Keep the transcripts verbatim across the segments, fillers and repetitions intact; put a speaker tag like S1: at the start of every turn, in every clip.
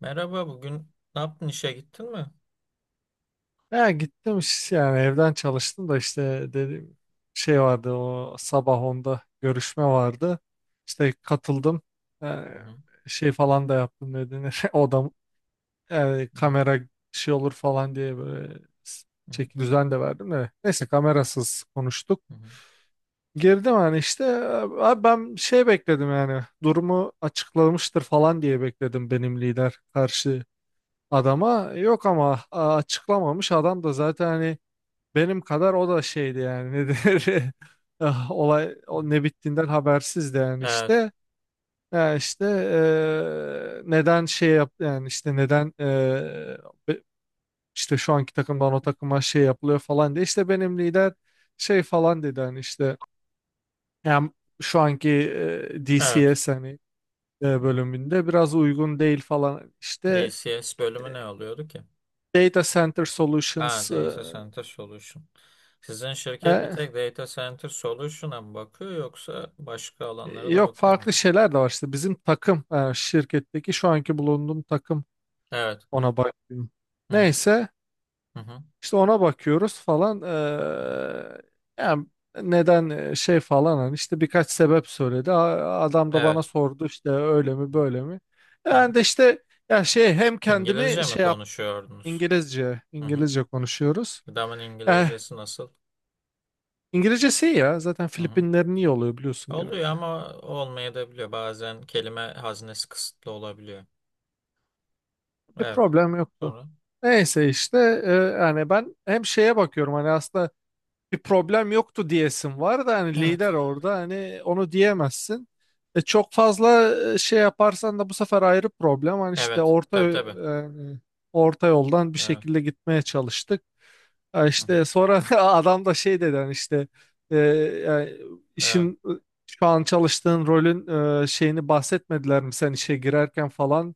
S1: Merhaba, bugün ne yaptın, işe gittin mi?
S2: Ya gittim iş- yani evden çalıştım da işte dediğim şey vardı o sabah onda görüşme vardı. İşte katıldım. Yani
S1: Hı hı,
S2: şey falan da yaptım ne denir. Odam yani
S1: hı hı,
S2: kamera şey olur falan diye böyle s-
S1: hı
S2: çek düzen de verdim de. Neyse kamerasız konuştuk.
S1: hı,
S2: Girdim hani işte abi ben şey bekledim yani durumu açıklamıştır falan diye bekledim benim lider karşı adama. Yok ama a- açıklamamış adam da zaten hani benim kadar o da şeydi yani ne denir? Ah, olay
S1: hı.
S2: o ne bittiğinden habersizdi yani
S1: Evet,
S2: işte. Yani işte eee, neden şey yap yani işte neden eee, be- işte şu anki takımdan o takıma şey yapılıyor falan diye işte benim lider şey falan dedi hani işte yani şu anki eee,
S1: evet.
S2: D C S hani eee,
S1: Hı hı.
S2: bölümünde biraz uygun değil falan işte
S1: D C S bölümü
S2: eee,
S1: ne oluyordu ki?
S2: Data Center
S1: Ha,
S2: Solutions.
S1: Data Center Solution. Sizin şirket bir tek Data Center Solution'a mı bakıyor yoksa başka alanlara
S2: E,
S1: da
S2: Yok
S1: bakıyor mu?
S2: farklı şeyler de var işte bizim takım, e, şirketteki şu anki bulunduğum takım,
S1: Evet.
S2: ona bakıyorum.
S1: Hı hı,
S2: Neyse
S1: hı hı,
S2: işte ona bakıyoruz falan.
S1: hı hı.
S2: E, yani neden e, şey falan hani işte birkaç sebep söyledi. A- Adam da bana
S1: Evet.
S2: sordu işte öyle mi
S1: Hı
S2: böyle
S1: hı,
S2: mi.
S1: hı hı.
S2: Ben de işte ya şey hem kendimi
S1: İngilizce mi
S2: şey yap.
S1: konuşuyordunuz?
S2: İngilizce
S1: Hı hı.
S2: İngilizce konuşuyoruz.
S1: Adamın
S2: Eh,
S1: İngilizcesi nasıl?
S2: İngilizcesi iyi ya zaten
S1: Hı hı.
S2: Filipinlerin iyi oluyor biliyorsun
S1: Oluyor
S2: genelde.
S1: ama olmayabiliyor. Bazen kelime haznesi kısıtlı olabiliyor.
S2: Bir
S1: Evet.
S2: problem yoktu.
S1: Sonra.
S2: Neyse işte e, yani ben hem şeye bakıyorum hani aslında bir problem yoktu diyesin var da hani
S1: Evet.
S2: lider orada hani onu diyemezsin. E, çok fazla e, şey yaparsan da bu sefer ayrı problem. Hani işte
S1: Evet.
S2: orta e,
S1: Tabii, tabii.
S2: yani orta yoldan bir
S1: Evet.
S2: şekilde gitmeye çalıştık. Ha
S1: Hı hı.
S2: işte sonra adam da şey dedi hani işte e, yani
S1: Evet.
S2: işin, e, şu an çalıştığın rolün e, şeyini bahsetmediler mi sen işe girerken falan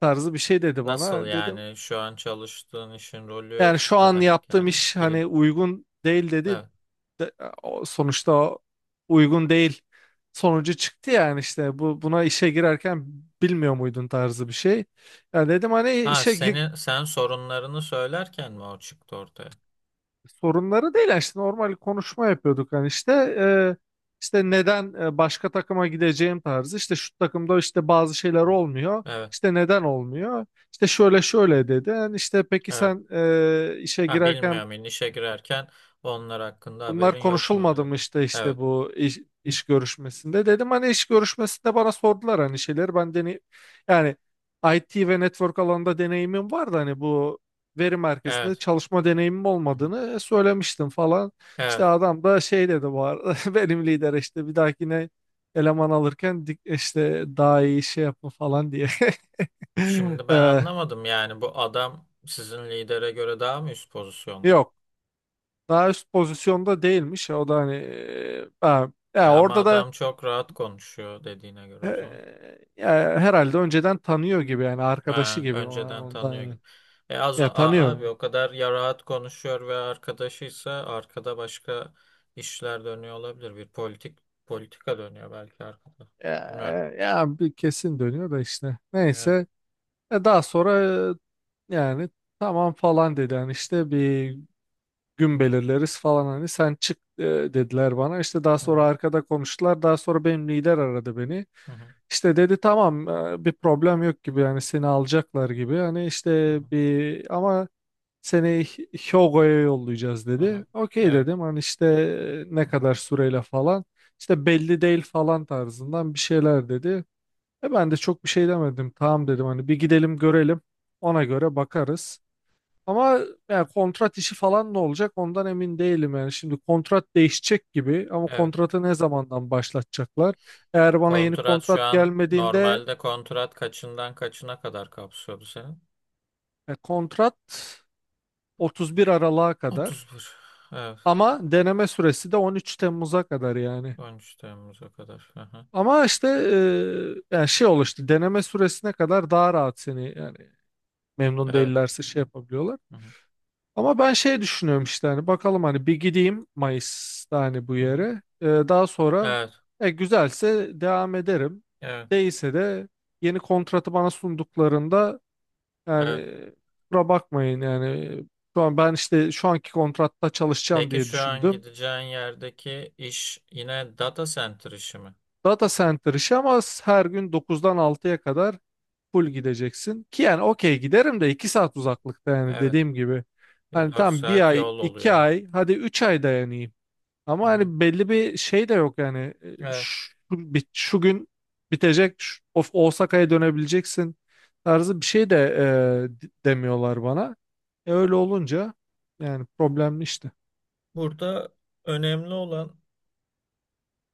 S2: tarzı bir şey dedi
S1: Nasıl
S2: bana. Dedim
S1: yani, şu an çalıştığın işin rolü
S2: yani şu
S1: ne
S2: an
S1: demek
S2: yaptığım
S1: yani?
S2: iş
S1: Bilim.
S2: hani uygun değil dedi.
S1: Evet.
S2: De- o- sonuçta o uygun değil sonucu çıktı yani işte bu buna işe girerken bilmiyor muydun tarzı bir şey. Ya dedim hani
S1: Ha,
S2: işe gi-
S1: senin sen sorunlarını söylerken mi o çıktı ortaya?
S2: sorunları değil yani işte normal konuşma yapıyorduk hani işte e, işte neden e, başka takıma gideceğim tarzı işte şu takımda işte bazı şeyler
S1: Hı.
S2: olmuyor.
S1: Evet.
S2: İşte neden olmuyor? İşte şöyle
S1: Hı hı.
S2: şöyle dedi. Yani işte peki
S1: Evet.
S2: sen e, işe
S1: Ha, bilmiyorum
S2: girerken
S1: yani işe girerken onlar hakkında
S2: bunlar
S1: haberin yok
S2: konuşulmadı
S1: muydu
S2: mı
S1: dedi.
S2: işte işte
S1: Evet.
S2: bu iş,
S1: Hı.
S2: iş görüşmesinde dedim hani iş görüşmesinde bana sordular hani şeyler ben deney yani I T ve network alanında deneyimim vardı hani bu veri merkezinde
S1: Evet.
S2: çalışma deneyimim
S1: Hı hı.
S2: olmadığını söylemiştim falan. İşte
S1: Evet.
S2: adam da şey dedi bu arada benim lider işte bir dahakine eleman alırken dik- işte daha iyi şey yapın falan diye.
S1: Şimdi ben
S2: Ee,
S1: anlamadım yani, bu adam sizin lidere göre daha mı üst pozisyonda?
S2: yok daha üst pozisyonda değilmiş o da hani e, ha, ya
S1: Ya ama
S2: orada da
S1: adam çok rahat konuşuyor dediğine göre
S2: E,
S1: o zaman.
S2: e, herhalde önceden tanıyor gibi yani arkadaşı
S1: Ha,
S2: gibi ona-
S1: önceden
S2: ondan
S1: tanıyor
S2: yani.
S1: gibi. E az o-
S2: Ya
S1: a-
S2: tanıyor
S1: abi
S2: yani.
S1: o kadar ya rahat konuşuyor ve arkadaşıysa arkada başka işler dönüyor olabilir. Bir politik politika dönüyor belki arkada. Bilmiyorum.
S2: Ya, e, ya bir kesin dönüyor da işte.
S1: Evet.
S2: Neyse E, daha sonra e, yani tamam falan dedi yani işte bir gün belirleriz falan hani sen çık e, dediler bana. İşte daha
S1: Hı
S2: sonra
S1: hı,
S2: arkada konuştular. Daha sonra benim lider aradı beni.
S1: hı hı,
S2: İşte dedi tamam, e, bir problem yok gibi yani seni alacaklar gibi. Hani
S1: hı hı,
S2: işte bir ama seni Hyogo'ya yollayacağız
S1: hı
S2: dedi.
S1: hı.
S2: Okey
S1: Evet.
S2: dedim hani işte e, ne
S1: Hı hı.
S2: kadar süreyle falan. İşte belli değil falan tarzından bir şeyler dedi. E ben de çok bir şey demedim. Tamam dedim hani bir gidelim görelim. Ona göre bakarız. Ama yani kontrat işi falan ne olacak ondan emin değilim yani. Şimdi kontrat değişecek gibi ama
S1: Evet.
S2: kontratı ne zamandan başlatacaklar? Eğer bana yeni
S1: Kontrat şu
S2: kontrat
S1: an,
S2: gelmediğinde,
S1: normalde kontrat kaçından kaçına kadar kapsıyordu senin?
S2: e, kontrat 31 Aralık'a kadar.
S1: Otuz bir. Evet.
S2: Ama deneme süresi de 13 Temmuz'a kadar yani.
S1: on üç Temmuz'a kadar. Hı hı.
S2: Ama işte e, yani şey oluştu, deneme süresine kadar daha rahat seni yani memnun
S1: Evet.
S2: değillerse şey yapabiliyorlar.
S1: Hı hı.
S2: Ama ben şey düşünüyorum işte hani bakalım hani bir gideyim Mayıs'ta hani bu
S1: Hı hı.
S2: yere. E, daha sonra
S1: Evet,
S2: e, güzelse devam ederim.
S1: evet,
S2: Değilse de yeni kontratı bana sunduklarında
S1: evet.
S2: yani kusura bakmayın yani şu an ben işte şu anki kontratta çalışacağım
S1: Peki,
S2: diye
S1: şu an
S2: düşündüm.
S1: gideceğin yerdeki iş yine data center işi mi?
S2: Data center işi ama her gün dokuzdan altıya kadar full gideceksin. Ki yani okey giderim de iki saat uzaklıkta yani
S1: Evet.
S2: dediğim gibi. Hani
S1: Dört
S2: tam bir
S1: saat
S2: ay,
S1: yol
S2: iki
S1: oluyor.
S2: ay, hadi üç ay dayanayım. Ama
S1: Hı hı.
S2: hani belli bir şey de yok yani. E,
S1: Evet.
S2: Şu, bit- şu gün bitecek, şu- of Osaka'ya dönebileceksin tarzı bir şey de e, d- demiyorlar bana. E öyle olunca yani problemli işte.
S1: Burada önemli olan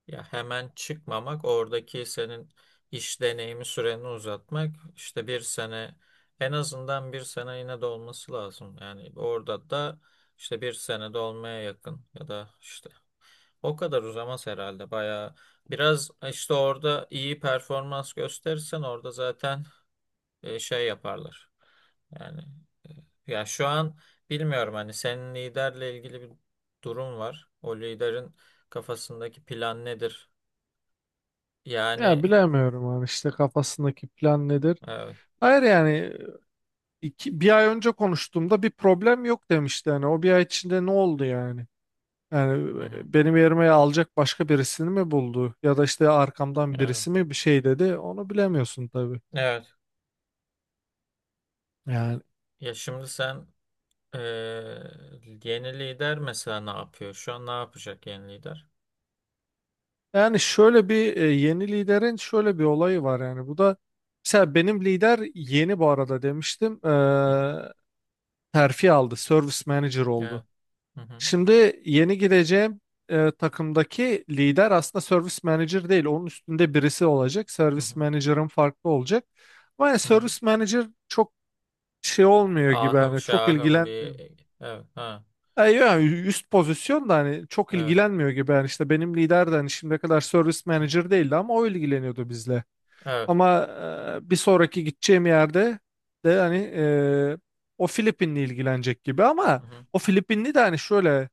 S1: ya hemen çıkmamak, oradaki senin iş deneyimi süreni uzatmak. İşte bir sene, en azından bir sene yine de olması lazım. Yani orada da işte bir sene de olmaya yakın, ya da işte o kadar uzamaz herhalde bayağı. Biraz e, işte orada iyi performans gösterirsen orada zaten e, şey yaparlar. Yani e, ya şu an bilmiyorum hani, senin liderle ilgili bir durum var. O liderin kafasındaki plan nedir?
S2: Ya
S1: Yani
S2: bilemiyorum hani işte kafasındaki plan nedir?
S1: evet.
S2: Hayır yani İki, bir ay önce konuştuğumda bir problem yok demişti. Yani o bir ay içinde ne oldu yani? Yani,
S1: Hı hı.
S2: e, benim yerime alacak başka birisini mi buldu? Ya da işte arkamdan
S1: Evet.
S2: birisi mi bir şey dedi? Onu bilemiyorsun tabii.
S1: Evet.
S2: Yani
S1: Ya şimdi sen, e, yeni lider mesela ne yapıyor? Şu an ne yapacak yeni lider?
S2: yani şöyle bir, e, yeni liderin şöyle bir olayı var yani. Bu da mesela benim lider yeni bu arada demiştim.
S1: Hı hı.
S2: Eee terfi aldı. Service manager oldu.
S1: Evet. Hı hı.
S2: Şimdi yeni gireceğim e, takımdaki lider aslında service manager değil. Onun üstünde birisi olacak.
S1: Hı
S2: Service
S1: hı.
S2: manager'ın farklı olacak. Ama yani
S1: Hı hı.
S2: service manager çok şey olmuyor gibi
S1: Ahım
S2: yani çok
S1: şahım
S2: ilgilenmiyor.
S1: bir evet ha
S2: Yani yani üst pozisyon da hani çok
S1: evet.
S2: ilgilenmiyor gibi yani işte benim lider de hani şimdiye kadar service
S1: Hı hı.
S2: manager değildi ama o ilgileniyordu bizle.
S1: Evet.
S2: Ama e, bir sonraki gideceğim yerde de hani, e, o Filipinli ilgilenecek gibi ama
S1: Hı hı.
S2: o Filipinli de hani şöyle,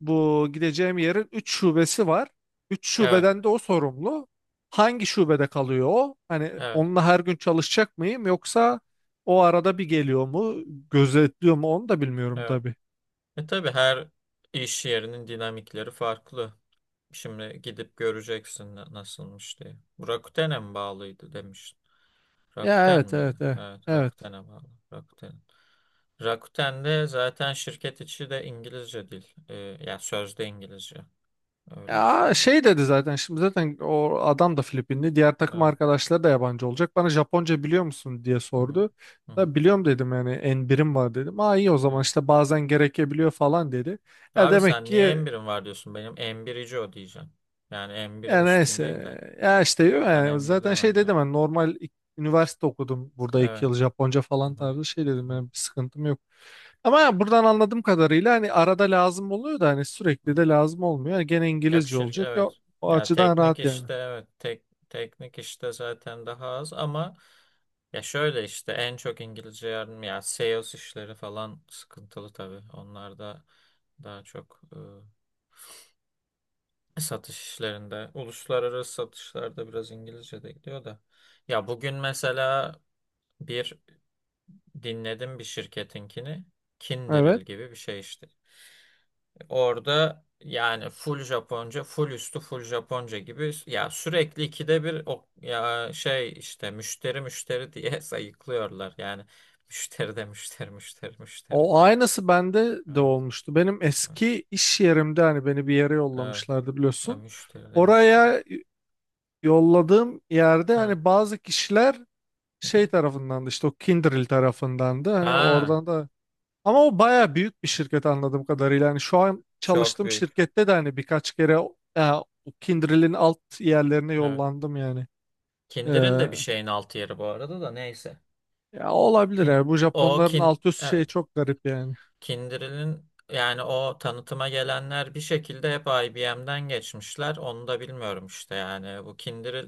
S2: bu gideceğim yerin üç şubesi var. Üç
S1: Evet,
S2: şubeden de o sorumlu. Hangi şubede kalıyor o? Hani
S1: evet,
S2: onunla her gün çalışacak mıyım yoksa o arada bir geliyor mu, gözetliyor mu onu da bilmiyorum
S1: evet.
S2: tabii.
S1: E, tabii her iş yerinin dinamikleri farklı. Şimdi gidip göreceksin na- nasılmış diye. Bu Rakuten'e mi bağlıydı demiş.
S2: Ya,
S1: Rakuten
S2: evet
S1: miydi?
S2: evet evet.
S1: Evet,
S2: Evet.
S1: Rakuten'e bağlı. Rakuten. Rakuten'de zaten şirket içi de İngilizce dil. E, yani sözde İngilizce. Öyle bir
S2: Ya
S1: şey.
S2: şey dedi zaten, şimdi zaten o adam da Filipinli. Diğer takım
S1: Evet.
S2: arkadaşları da yabancı olacak. Bana Japonca biliyor musun diye
S1: Hı hı.
S2: sordu.
S1: Hı hı.
S2: Da biliyorum dedim yani en birim var dedim. Aa iyi o zaman
S1: Evet.
S2: işte bazen gerekebiliyor falan dedi. E
S1: Abi
S2: demek
S1: sen niye
S2: ki.
S1: M birin var diyorsun? Benim M birici o diyeceğim. Yani M birin
S2: Ya
S1: üstündeyim de.
S2: neyse. Ya işte
S1: Sen
S2: yani
S1: M bir
S2: zaten
S1: deme.
S2: şey dedim
S1: Evet.
S2: ben normal ik- üniversite okudum burada iki
S1: Evet.
S2: yıl Japonca
S1: Hı
S2: falan
S1: hı.
S2: tarzı şey dedim,
S1: Hı hı.
S2: benim bir sıkıntım yok. Ama ya buradan anladığım kadarıyla hani arada lazım oluyor da hani
S1: Hı hı.
S2: sürekli de lazım olmuyor. Yani gene İngilizce
S1: Yakışır.
S2: olacak. Ya,
S1: Evet.
S2: o
S1: Ya
S2: açıdan
S1: teknik
S2: rahat yani.
S1: işte evet. Tek, teknik işte zaten daha az ama ya şöyle, işte en çok İngilizce yardım ya sales işleri falan sıkıntılı tabii. Onlar da daha çok e, satış işlerinde, uluslararası satışlarda biraz İngilizce de gidiyor da. Ya bugün mesela bir dinledim bir şirketinkini. Kindiril
S2: Evet.
S1: gibi bir şey işte. Orada yani full Japonca, full üstü full Japonca gibi, ya sürekli ikide bir o ya şey işte müşteri müşteri diye sayıklıyorlar. Yani müşteri de müşteri, müşteri, müşteri.
S2: O aynısı bende de
S1: Evet.
S2: olmuştu. Benim
S1: Evet.
S2: eski iş yerimde hani beni bir yere
S1: Evet.
S2: yollamışlardı
S1: Ya
S2: biliyorsun.
S1: müşteri de müşteri.
S2: Oraya yolladığım yerde
S1: Evet.
S2: hani bazı kişiler
S1: Hı
S2: şey
S1: hı.
S2: tarafından da işte o Kindrel tarafından da hani
S1: Ha,
S2: oradan da, ama o baya büyük bir şirket anladığım kadarıyla. Hani şu an
S1: çok
S2: çalıştığım
S1: büyük.
S2: şirkette de hani birkaç kere o, e, o Kindrel'in alt yerlerine
S1: Evet.
S2: yollandım yani.
S1: Kindiril
S2: Ee,
S1: de bir şeyin altı yeri bu arada da, neyse.
S2: ya olabilir
S1: Kin
S2: ya bu
S1: O
S2: Japonların
S1: kin,
S2: alt üst şeyi
S1: evet.
S2: çok garip yani.
S1: Kindle'in yani, o tanıtıma gelenler bir şekilde hep I B M'den geçmişler. Onu da bilmiyorum işte, yani bu Kindle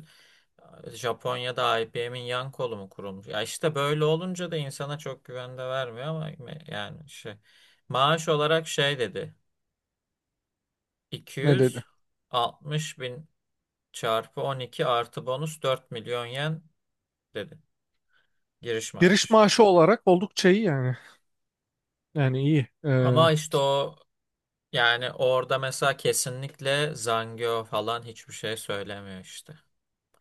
S1: Japonya'da I B M'in yan kolu mu kurulmuş? Ya işte böyle olunca da insana çok güven de vermiyor ama me- yani şey, maaş olarak şey dedi,
S2: Ne dedi?
S1: iki yüz altmış bin çarpı on iki artı bonus dört milyon yen dedi giriş
S2: Giriş
S1: maaşı.
S2: maaşı olarak oldukça iyi yani. Yani iyi. Ee,
S1: Ama işte o, yani orada mesela kesinlikle Zangyo falan hiçbir şey söylemiyor işte.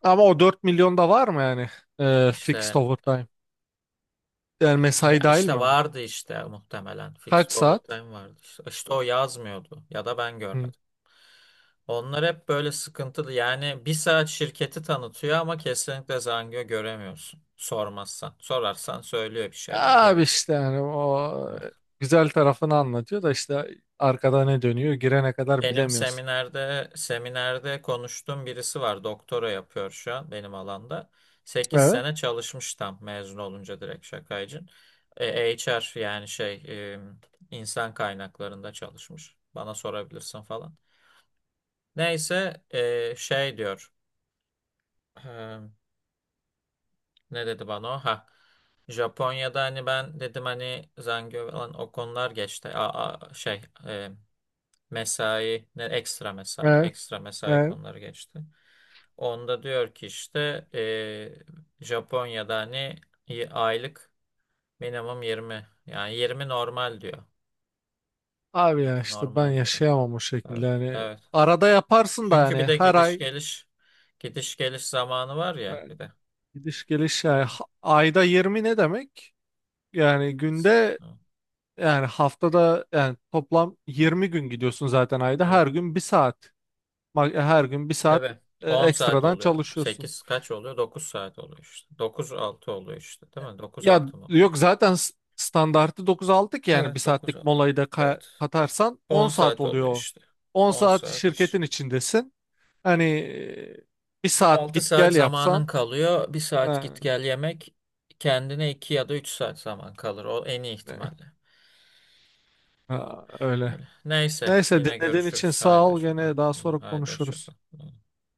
S2: ama o dört milyon da var mı yani? Ee, fixed
S1: İşte
S2: overtime. Yani mesai
S1: ya
S2: dahil mi
S1: işte
S2: ona?
S1: vardı işte, muhtemelen fixed
S2: Kaç saat?
S1: overtime vardı. İşte, işte o yazmıyordu ya da ben
S2: Hı.
S1: görmedim. Onlar hep böyle sıkıntılı. Yani bir saat şirketi tanıtıyor ama kesinlikle Zangyo göremiyorsun. Sormazsan. Sorarsan söylüyor, bir şeyler
S2: Abi
S1: geveliyor.
S2: işte yani o
S1: Evet.
S2: güzel tarafını anlatıyor da işte arkada ne dönüyor girene kadar
S1: Benim
S2: bilemiyorsun.
S1: seminerde seminerde konuştuğum birisi var. Doktora yapıyor şu an benim alanda. Sekiz
S2: Evet,
S1: sene çalışmış, tam mezun olunca direkt şakaycın. E, H R yani şey, e, insan kaynaklarında çalışmış. Bana sorabilirsin falan. Neyse e, şey diyor. E, Ne dedi bana o? Ha. Japonya'da hani ben dedim hani Zangyo falan, o konular geçti. A, a- şey e, mesai, ne ekstra mesai,
S2: evet,
S1: ekstra mesai
S2: evet.
S1: konuları geçti. Onda diyor ki işte e, Japonya'da hani y- aylık minimum yirmi, yani yirmi normal diyor.
S2: Abi ya
S1: yirmi
S2: işte ben
S1: normal diyor.
S2: yaşayamam o şekilde
S1: Evet.
S2: yani.
S1: Evet.
S2: Arada yaparsın da
S1: Çünkü
S2: yani
S1: bir de
S2: her
S1: gidiş
S2: ay,
S1: geliş gidiş geliş zamanı var
S2: e,
S1: ya bir de.
S2: gidiş geliş yani
S1: Neyse.
S2: ha- ayda yirmi ne demek? Yani günde
S1: Evet.
S2: yani haftada yani toplam
S1: Evet.
S2: yirmi gün gidiyorsun zaten ayda,
S1: Evet.
S2: her gün bir saat. Ma- Her gün bir saat
S1: Tabii
S2: e,
S1: on saat
S2: ekstradan
S1: oluyor.
S2: çalışıyorsun.
S1: Sekiz kaç oluyor? Dokuz saat oluyor işte. Dokuz altı oluyor işte değil mi? Dokuz
S2: Ya
S1: altı mı oluyor?
S2: yok zaten s- standartı dokuz altı ki yani bir
S1: Evet, dokuz
S2: saatlik
S1: altı.
S2: molayı da ka-
S1: Evet.
S2: katarsan on
S1: On
S2: saat
S1: saat
S2: oluyor.
S1: oluyor
S2: o.
S1: işte.
S2: on
S1: On
S2: saat
S1: saat iş.
S2: şirketin içindesin. Hani e, bir saat
S1: Altı
S2: git
S1: saat
S2: gel
S1: zamanın
S2: yapsan
S1: kalıyor. Bir saat
S2: ha,
S1: git gel yemek. Kendine iki ya da üç saat zaman kalır. O en iyi
S2: ne-
S1: ihtimalle.
S2: ha, öyle.
S1: Öyle. Neyse,
S2: Neyse
S1: yine
S2: dinlediğin için
S1: görüşürüz.
S2: sağ
S1: Haydi
S2: ol,
S1: hoşça kal.
S2: gene daha
S1: Yine
S2: sonra
S1: haydi hoşça
S2: konuşuruz.
S1: kal.